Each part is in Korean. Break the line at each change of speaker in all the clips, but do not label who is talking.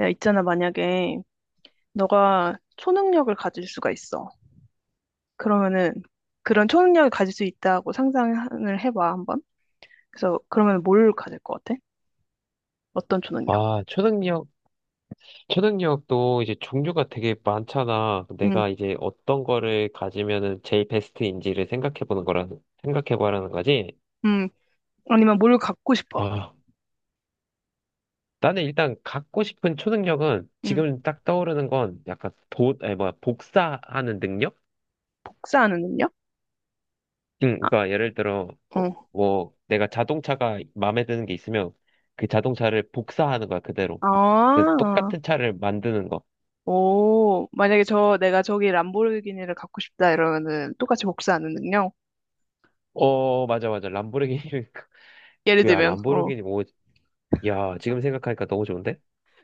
야, 있잖아, 만약에 너가 초능력을 가질 수가 있어. 그러면은 그런 초능력을 가질 수 있다고 상상을 해봐, 한번. 그래서 그러면 뭘 가질 것 같아? 어떤 초능력?
아, 초능력, 초능력도 이제 종류가 되게 많잖아.
음,
내가 이제 어떤 거를 가지면은 제일 베스트인지를 생각해 보라는 거지.
음, 아니면 뭘 갖고 싶어?
아, 나는 일단 갖고 싶은 초능력은
음,
지금 딱 떠오르는 건 약간 아니, 뭐야, 복사하는 능력?
복사하는 능력?
응,
아,
그러니까 예를 들어, 뭐,
어.
뭐 내가 자동차가 마음에 드는 게 있으면 그 자동차를 복사하는 거야, 그대로.
아,
그
어.
똑같은 차를 만드는 거.
오, 만약에 저, 내가 저기 람보르기니를 갖고 싶다 이러면은 똑같이 복사하는 능력?
어, 맞아, 맞아. 람보르기니,
예를
그야,
들면, 어.
람보르기니 야, 지금 생각하니까 너무 좋은데?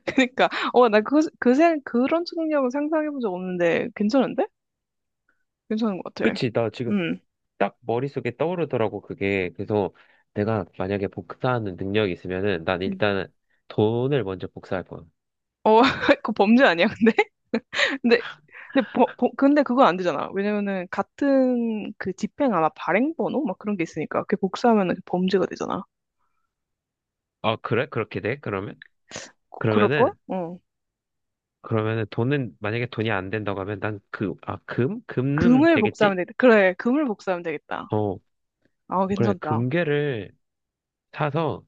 그니까, 어, 나 그런 초능력은 상상해본 적 없는데 괜찮은데? 괜찮은 것 같아.
그치, 나 지금
음.
딱 머릿속에 떠오르더라고, 그게. 그래서 내가 만약에 복사하는 능력이 있으면은 난
음.
일단은 돈을 먼저 복사할 거야.
어, 그거 범죄 아니야, 근데? 근데, 근데 그건 안 되잖아. 왜냐면은, 같은 그 집행 아마 발행번호? 막 그런 게 있으니까. 그게 복사하면 범죄가 되잖아.
아, 그래? 그렇게 돼? 그러면?
그럴걸?
그러면은,
어.
그러면은 돈은, 만약에 돈이 안 된다고 하면 난 그, 아, 금? 금은
금을 복사하면
되겠지?
되겠다. 그래, 금을 복사하면 되겠다.
어,
아,
그래.
괜찮다.
사서,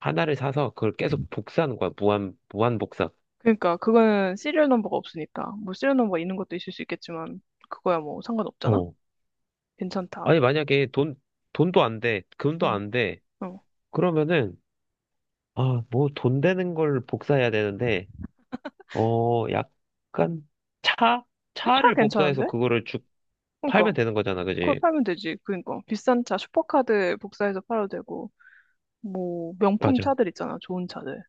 하나를 사서 그걸 계속 복사하는 거야. 무한, 무한 복사.
그러니까, 그거는 시리얼 넘버가 없으니까. 뭐, 시리얼 넘버 있는 것도 있을 수 있겠지만, 그거야 뭐, 상관없잖아?
어.
괜찮다.
아니, 만약에 돈도 안 돼. 금도
음,
안 돼.
어.
그러면은, 아, 뭐 돈 되는 걸 복사해야 되는데, 어, 약간 차?
근데 차
차를 복사해서
괜찮은데?
그거를 쭉
그러니까.
팔면 되는 거잖아,
그걸
그지?
팔면 되지. 그러니까. 비싼 차 슈퍼카드 복사해서 팔아도 되고. 뭐 명품
맞아.
차들 있잖아, 좋은 차들.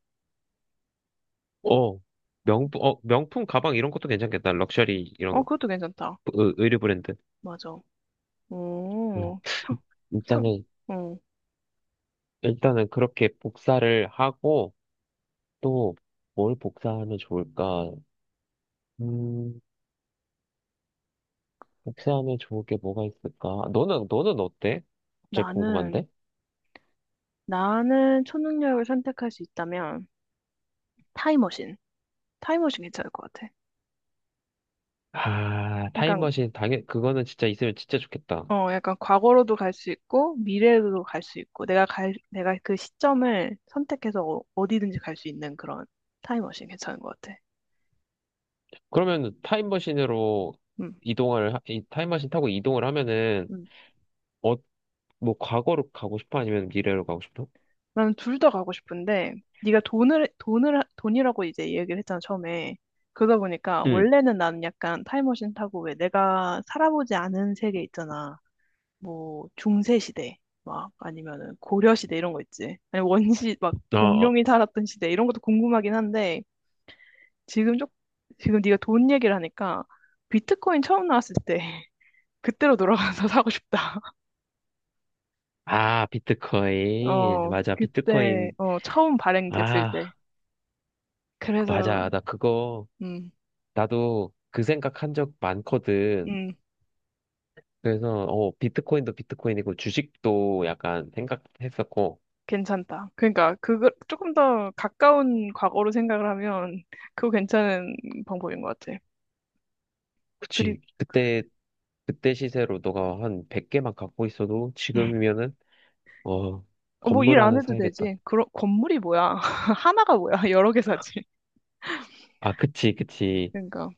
어, 명품 가방 이런 것도 괜찮겠다. 럭셔리
어,
이런
그것도 괜찮다.
의류 브랜드.
맞아.
음.
오, 상, 상,
일단은,
어.
일단은 그렇게 복사를 하고, 또 뭘 복사하면 좋을까? 음, 복사하면 좋을 게 뭐가 있을까? 너는 어때? 갑자기
나는,
궁금한데?
나는 초능력을 선택할 수 있다면 타임머신. 타임머신 괜찮을 것 같아.
아,
약간,
타임머신, 당연, 그거는 진짜 있으면 진짜 좋겠다.
어, 약간 과거로도 갈 수 있고, 미래로도 갈 수 있고, 내가 그 시점을 선택해서 어디든지 갈 수 있는 그런 타임머신 괜찮은 것 같아.
그러면 타임머신으로
음.
이 타임머신 타고 이동을 하면은,
음.
어, 뭐, 과거로 가고 싶어? 아니면 미래로 가고 싶어?
나는 둘 다 가고 싶은데 네가 돈을 돈을 돈이라고 이제 얘기를 했잖아 처음에. 그러다 보니까
응,
원래는 나는 약간 타임머신 타고 왜 내가 살아보지 않은 세계 있잖아. 뭐 중세 시대 막 아니면은 고려 시대 이런 거 있지. 아니 원시 막
어, 어.
공룡이 살았던 시대 이런 것도 궁금하긴 한데 지금 쪽 지금 네가 돈 얘기를 하니까 비트코인 처음 나왔을 때 그때로 돌아가서 사고 싶다.
아, 비트코인.
어
맞아,
그때
비트코인.
어 처음 발행됐을
아,
때. 그래서
맞아.
음.
나도 그 생각한 적 많거든.
음.
그래서, 어, 비트코인도 비트코인이고, 주식도 약간 생각했었고,
괜찮다. 그러니까 그거 조금 더 가까운 과거로 생각을 하면 그거 괜찮은 방법인 것 같아. 그리
그치. 그때 시세로 너가 한 100개만 갖고 있어도 지금이면은 어
어, 뭐일
건물
안
하나
해도
사야겠다.
되지. 그런 건물이 뭐야? 하나가 뭐야? 여러 개 사지.
아 그치 그치.
그러니까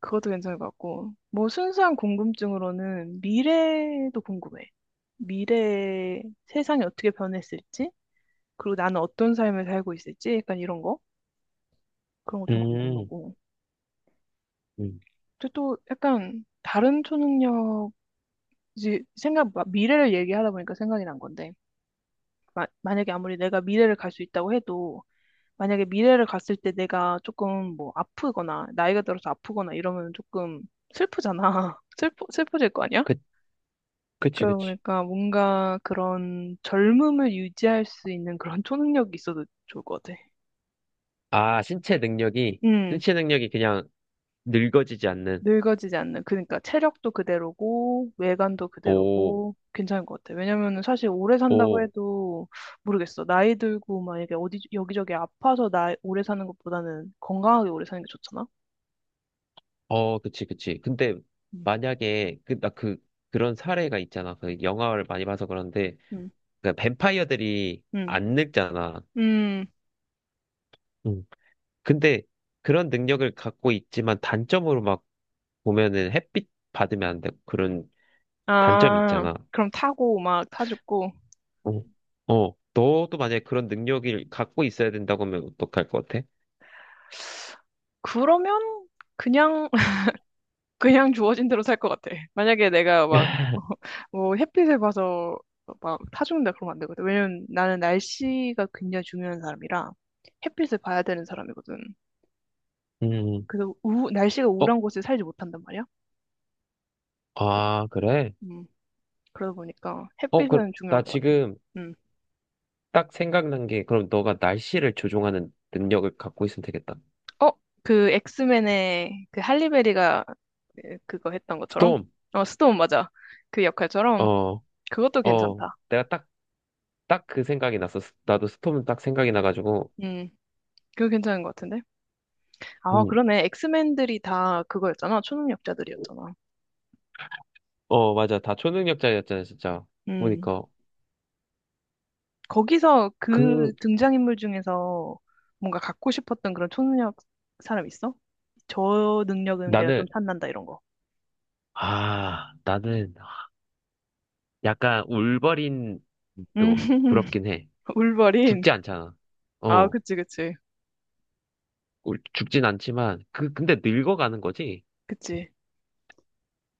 그것도 괜찮을 것 같고. 뭐 순수한 궁금증으로는 미래도 궁금해. 미래 세상이 어떻게 변했을지, 그리고 나는 어떤 삶을 살고 있을지, 약간 이런 거 그런 거 좀
음,
궁금하고.
음.
근데 또 약간 다른 초능력 이제 생각, 막 미래를 얘기하다 보니까 생각이 난 건데, 만약에 아무리 내가 미래를 갈 수 있다고 해도, 만약에 미래를 갔을 때 내가 조금 뭐 아프거나, 나이가 들어서 아프거나 이러면 조금 슬프잖아. 슬퍼질 거 아니야?
그 그치 그치.
그러니까 뭔가 그런 젊음을 유지할 수 있는 그런 초능력이 있어도 좋을 것 같아.
아 신체 능력이
음.
신체 능력이 그냥 늙어지지 않는.
늙어지지 않는, 그러니까 체력도 그대로고, 외관도
오,
그대로고, 괜찮은 것 같아 왜냐면은 사실 오래 산다고
오,
해도 모르겠어. 나이 들고 막 이게 어디, 여기저기 아파서 나 오래 사는 것보다는 건강하게 오래 사는 게 좋잖아?
어 그치 그치. 근데
음.
만약에 그 나 그 그런 사례가 있잖아. 그 영화를 많이 봐서 그런데
음,
그 뱀파이어들이
음,
안 늙잖아.
음.
근데 그런 능력을 갖고 있지만 단점으로 막 보면은 햇빛 받으면 안 되고 그런 단점이
아,
있잖아.
그럼 타고 막 타죽고.
어, 어, 너도 만약에 그런 능력을 갖고 있어야 된다고 하면 어떡할 것 같아?
그러면 그냥 그냥 주어진 대로 살 것 같아. 만약에 내가 막, 뭐, 햇빛을 봐서 막 타죽는다 그러면 안 되거든. 왜냐면 나는 날씨가 굉장히 중요한 사람이라 햇빛을 봐야 되는 사람이거든.
음,
그래서 우, 날씨가
어,
우울한 곳에 살지 못한단 말이야.
아, 그래?
음, 그러다 보니까
어, 그,
햇빛은
나
중요한 것 같아.
지금
음.
딱 생각난 게 그럼 너가 날씨를 조종하는 능력을 갖고 있으면 되겠다.
어, 그 엑스맨의 그 할리베리가 그거 했던 것처럼?
스톰,
어, 스톤 맞아. 그 역할처럼.
어,
그것도
어,
괜찮다.
내가 딱 그 생각이 났어. 나도 스톰은 딱 생각이 나가지고,
음, 그거 괜찮은 것 같은데? 아,
음.
그러네. 엑스맨들이 다 그거였잖아. 초능력자들이었잖아.
어, 맞아. 다 초능력자였잖아, 진짜.
음.
보니까.
거기서 그
그,
등장인물 중에서 뭔가 갖고 싶었던 그런 초능력 사람 있어? 저 능력은 내가 좀
나는,
탐난다 이런 거.
나는 약간 울버린
음.
또 부럽긴 해.
울버린.
죽지 않잖아.
아,
어,
그치, 그치.
죽진 않지만, 그, 근데 늙어가는 거지?
그치.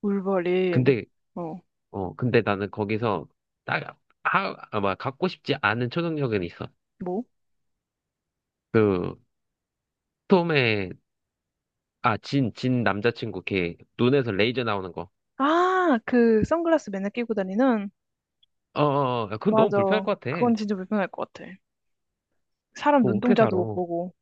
울버린.
근데,
어,
근데 나는 거기서 딱, 아마 갖고 싶지 않은 초능력은 있어.
뭐?
그, 톰의, 진 남자친구 걔, 눈에서 레이저 나오는 거.
아, 그 선글라스 맨날 끼고 다니는?
어, 어, 어, 그건 너무
맞아.
불편할 것 같아.
그건 진짜 불편할 것 같아. 사람
그거 어떻게 살아?
눈동자도 못 보고.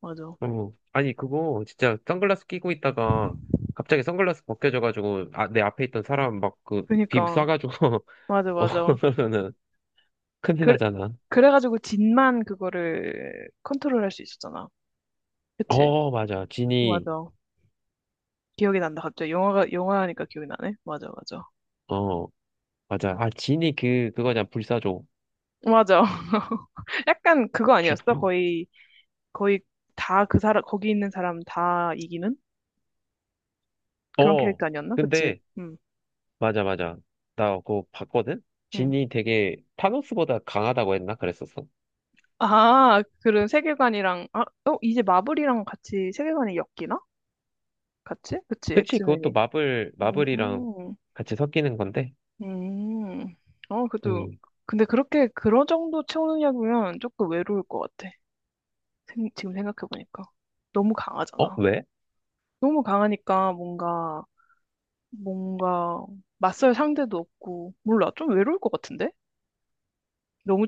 맞아.
어, 아니, 그거 진짜 선글라스 끼고 있다가 갑자기 선글라스 벗겨져가지고 아, 내 앞에 있던 사람 막 그 빔
그니까.
쏴가지고
맞아,
어,
맞아.
그러면은 큰일
그래,
나잖아.
그래가지고 진만 그거를 컨트롤할 수 있었잖아. 그치?
어, 맞아. 진이,
맞아. 기억이 난다. 갑자기 영화가 영화니까 기억이 나네. 맞아, 맞아.
어, 맞아. 아, 진이 그, 그거냐, 불사조.
맞아. 약간 그거
주,
아니었어? 거의 다 그 사람 거기 있는 사람 다 이기는 그런
어,
캐릭터 아니었나? 그치?
근데,
응,
맞아, 맞아. 나 그거 봤거든?
응.
진이 되게 타노스보다 강하다고 했나? 그랬었어.
아, 그런 세계관이랑 아, 어 이제 마블이랑 같이 세계관이 엮이나? 같이? 그치?
그치, 그것도
엑스맨이.
마블이랑
음.
같이 섞이는 건데.
음. 어, 그래도,
음.
근데 그렇게, 그런 정도 채우느냐면 조금 외로울 것 같아. 지금 생각해보니까. 너무
어,
강하잖아.
왜?
너무 강하니까 뭔가, 맞설 상대도 없고, 몰라. 좀 외로울 것 같은데? 너무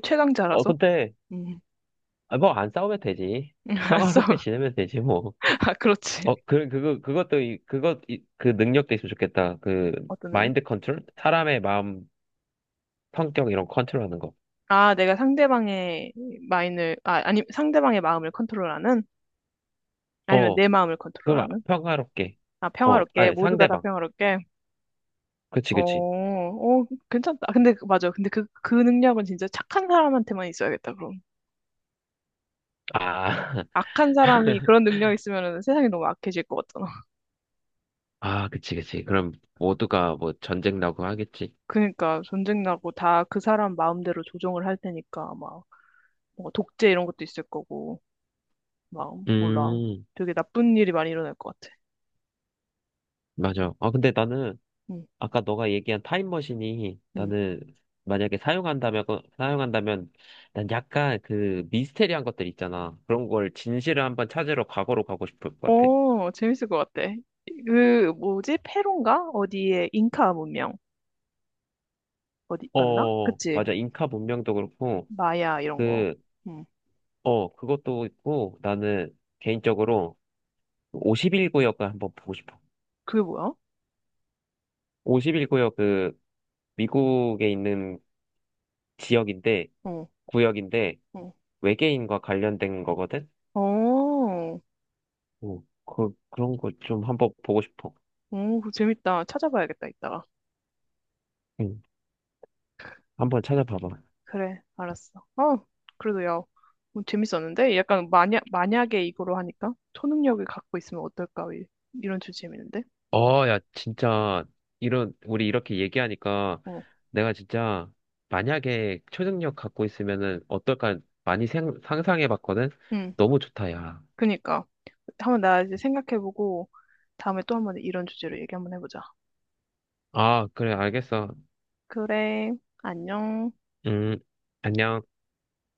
어,
최강자라서?
근데,
음.
아, 뭐, 안 싸우면 되지.
안
평화롭게
싸워.
지내면 되지, 뭐.
아, 그렇지.
어, 그, 그거, 그것도, 이, 그것, 이, 그 능력도 있으면 좋겠다. 그,
어떤 의요?
마인드 컨트롤? 사람의 마음, 성격, 이런 컨트롤 하는 거.
아, 내가 상대방의 마인을, 아, 아니, 상대방의 마음을 컨트롤하는? 아니면
어,
내 마음을
그럼, 아,
컨트롤하는?
평화롭게.
아,
어,
평화롭게,
아니,
모두가 다
상대방.
평화롭게.
그치,
어,
그치.
어, 괜찮다. 근데, 맞아. 근데 그, 그 능력은 진짜 착한 사람한테만 있어야겠다, 그럼.
아,
악한 사람이 그런 능력 있으면은 세상이 너무 악해질 것 같잖아.
아, 그치, 그치. 그럼, 모두가 뭐, 전쟁 나고 하겠지.
그러니까 전쟁 나고 다 그 사람 마음대로 조정을 할 테니까 막 뭔가 독재 이런 것도 있을 거고 막 몰라.
음,
되게 나쁜 일이 많이 일어날 것 같아.
맞아. 아, 근데 나는,
응,
아까 너가 얘기한 타임머신이
응.
나는 만약에 사용한다면 난 약간 그 미스테리한 것들 있잖아. 그런 걸 진실을 한번 찾으러 과거로 가고 싶을 것 같아.
어, 재밌을 것 같아. 그 뭐지? 페룬가? 어디에 잉카 문명 어디 맞나?
어,
그치?
맞아. 잉카 문명도 그렇고,
마야 이런 거.
그,
응.
어, 그것도 있고, 나는 개인적으로 51구역을 한번 보고 싶어.
그게 뭐야?
51구역 그 미국에 있는 지역인데,
어.
구역인데,
어.
외계인과 관련된 거거든?
오,
어, 그, 그런 거 좀 한번 보고 싶어.
오, 그거 재밌다. 찾아봐야겠다, 이따가.
응. 한번 찾아봐봐.
그래, 알았어. 어, 그래도 야, 뭐 재밌었는데? 약간 만약, 만약에 이거로 하니까 초능력을 갖고 있으면 어떨까? 이런 주제 재밌는데?
어, 야, 진짜, 이런, 우리 이렇게 얘기하니까
어,
내가 진짜 만약에 초능력 갖고 있으면은 어떨까 많이 상상해 봤거든?
응,
너무 좋다, 야.
그니까. 한번 나 이제 생각해보고 다음에 또 한번 이런 주제로 얘기 한번 해보자.
아, 그래, 알겠어.
그래, 안녕.
음, 안녕.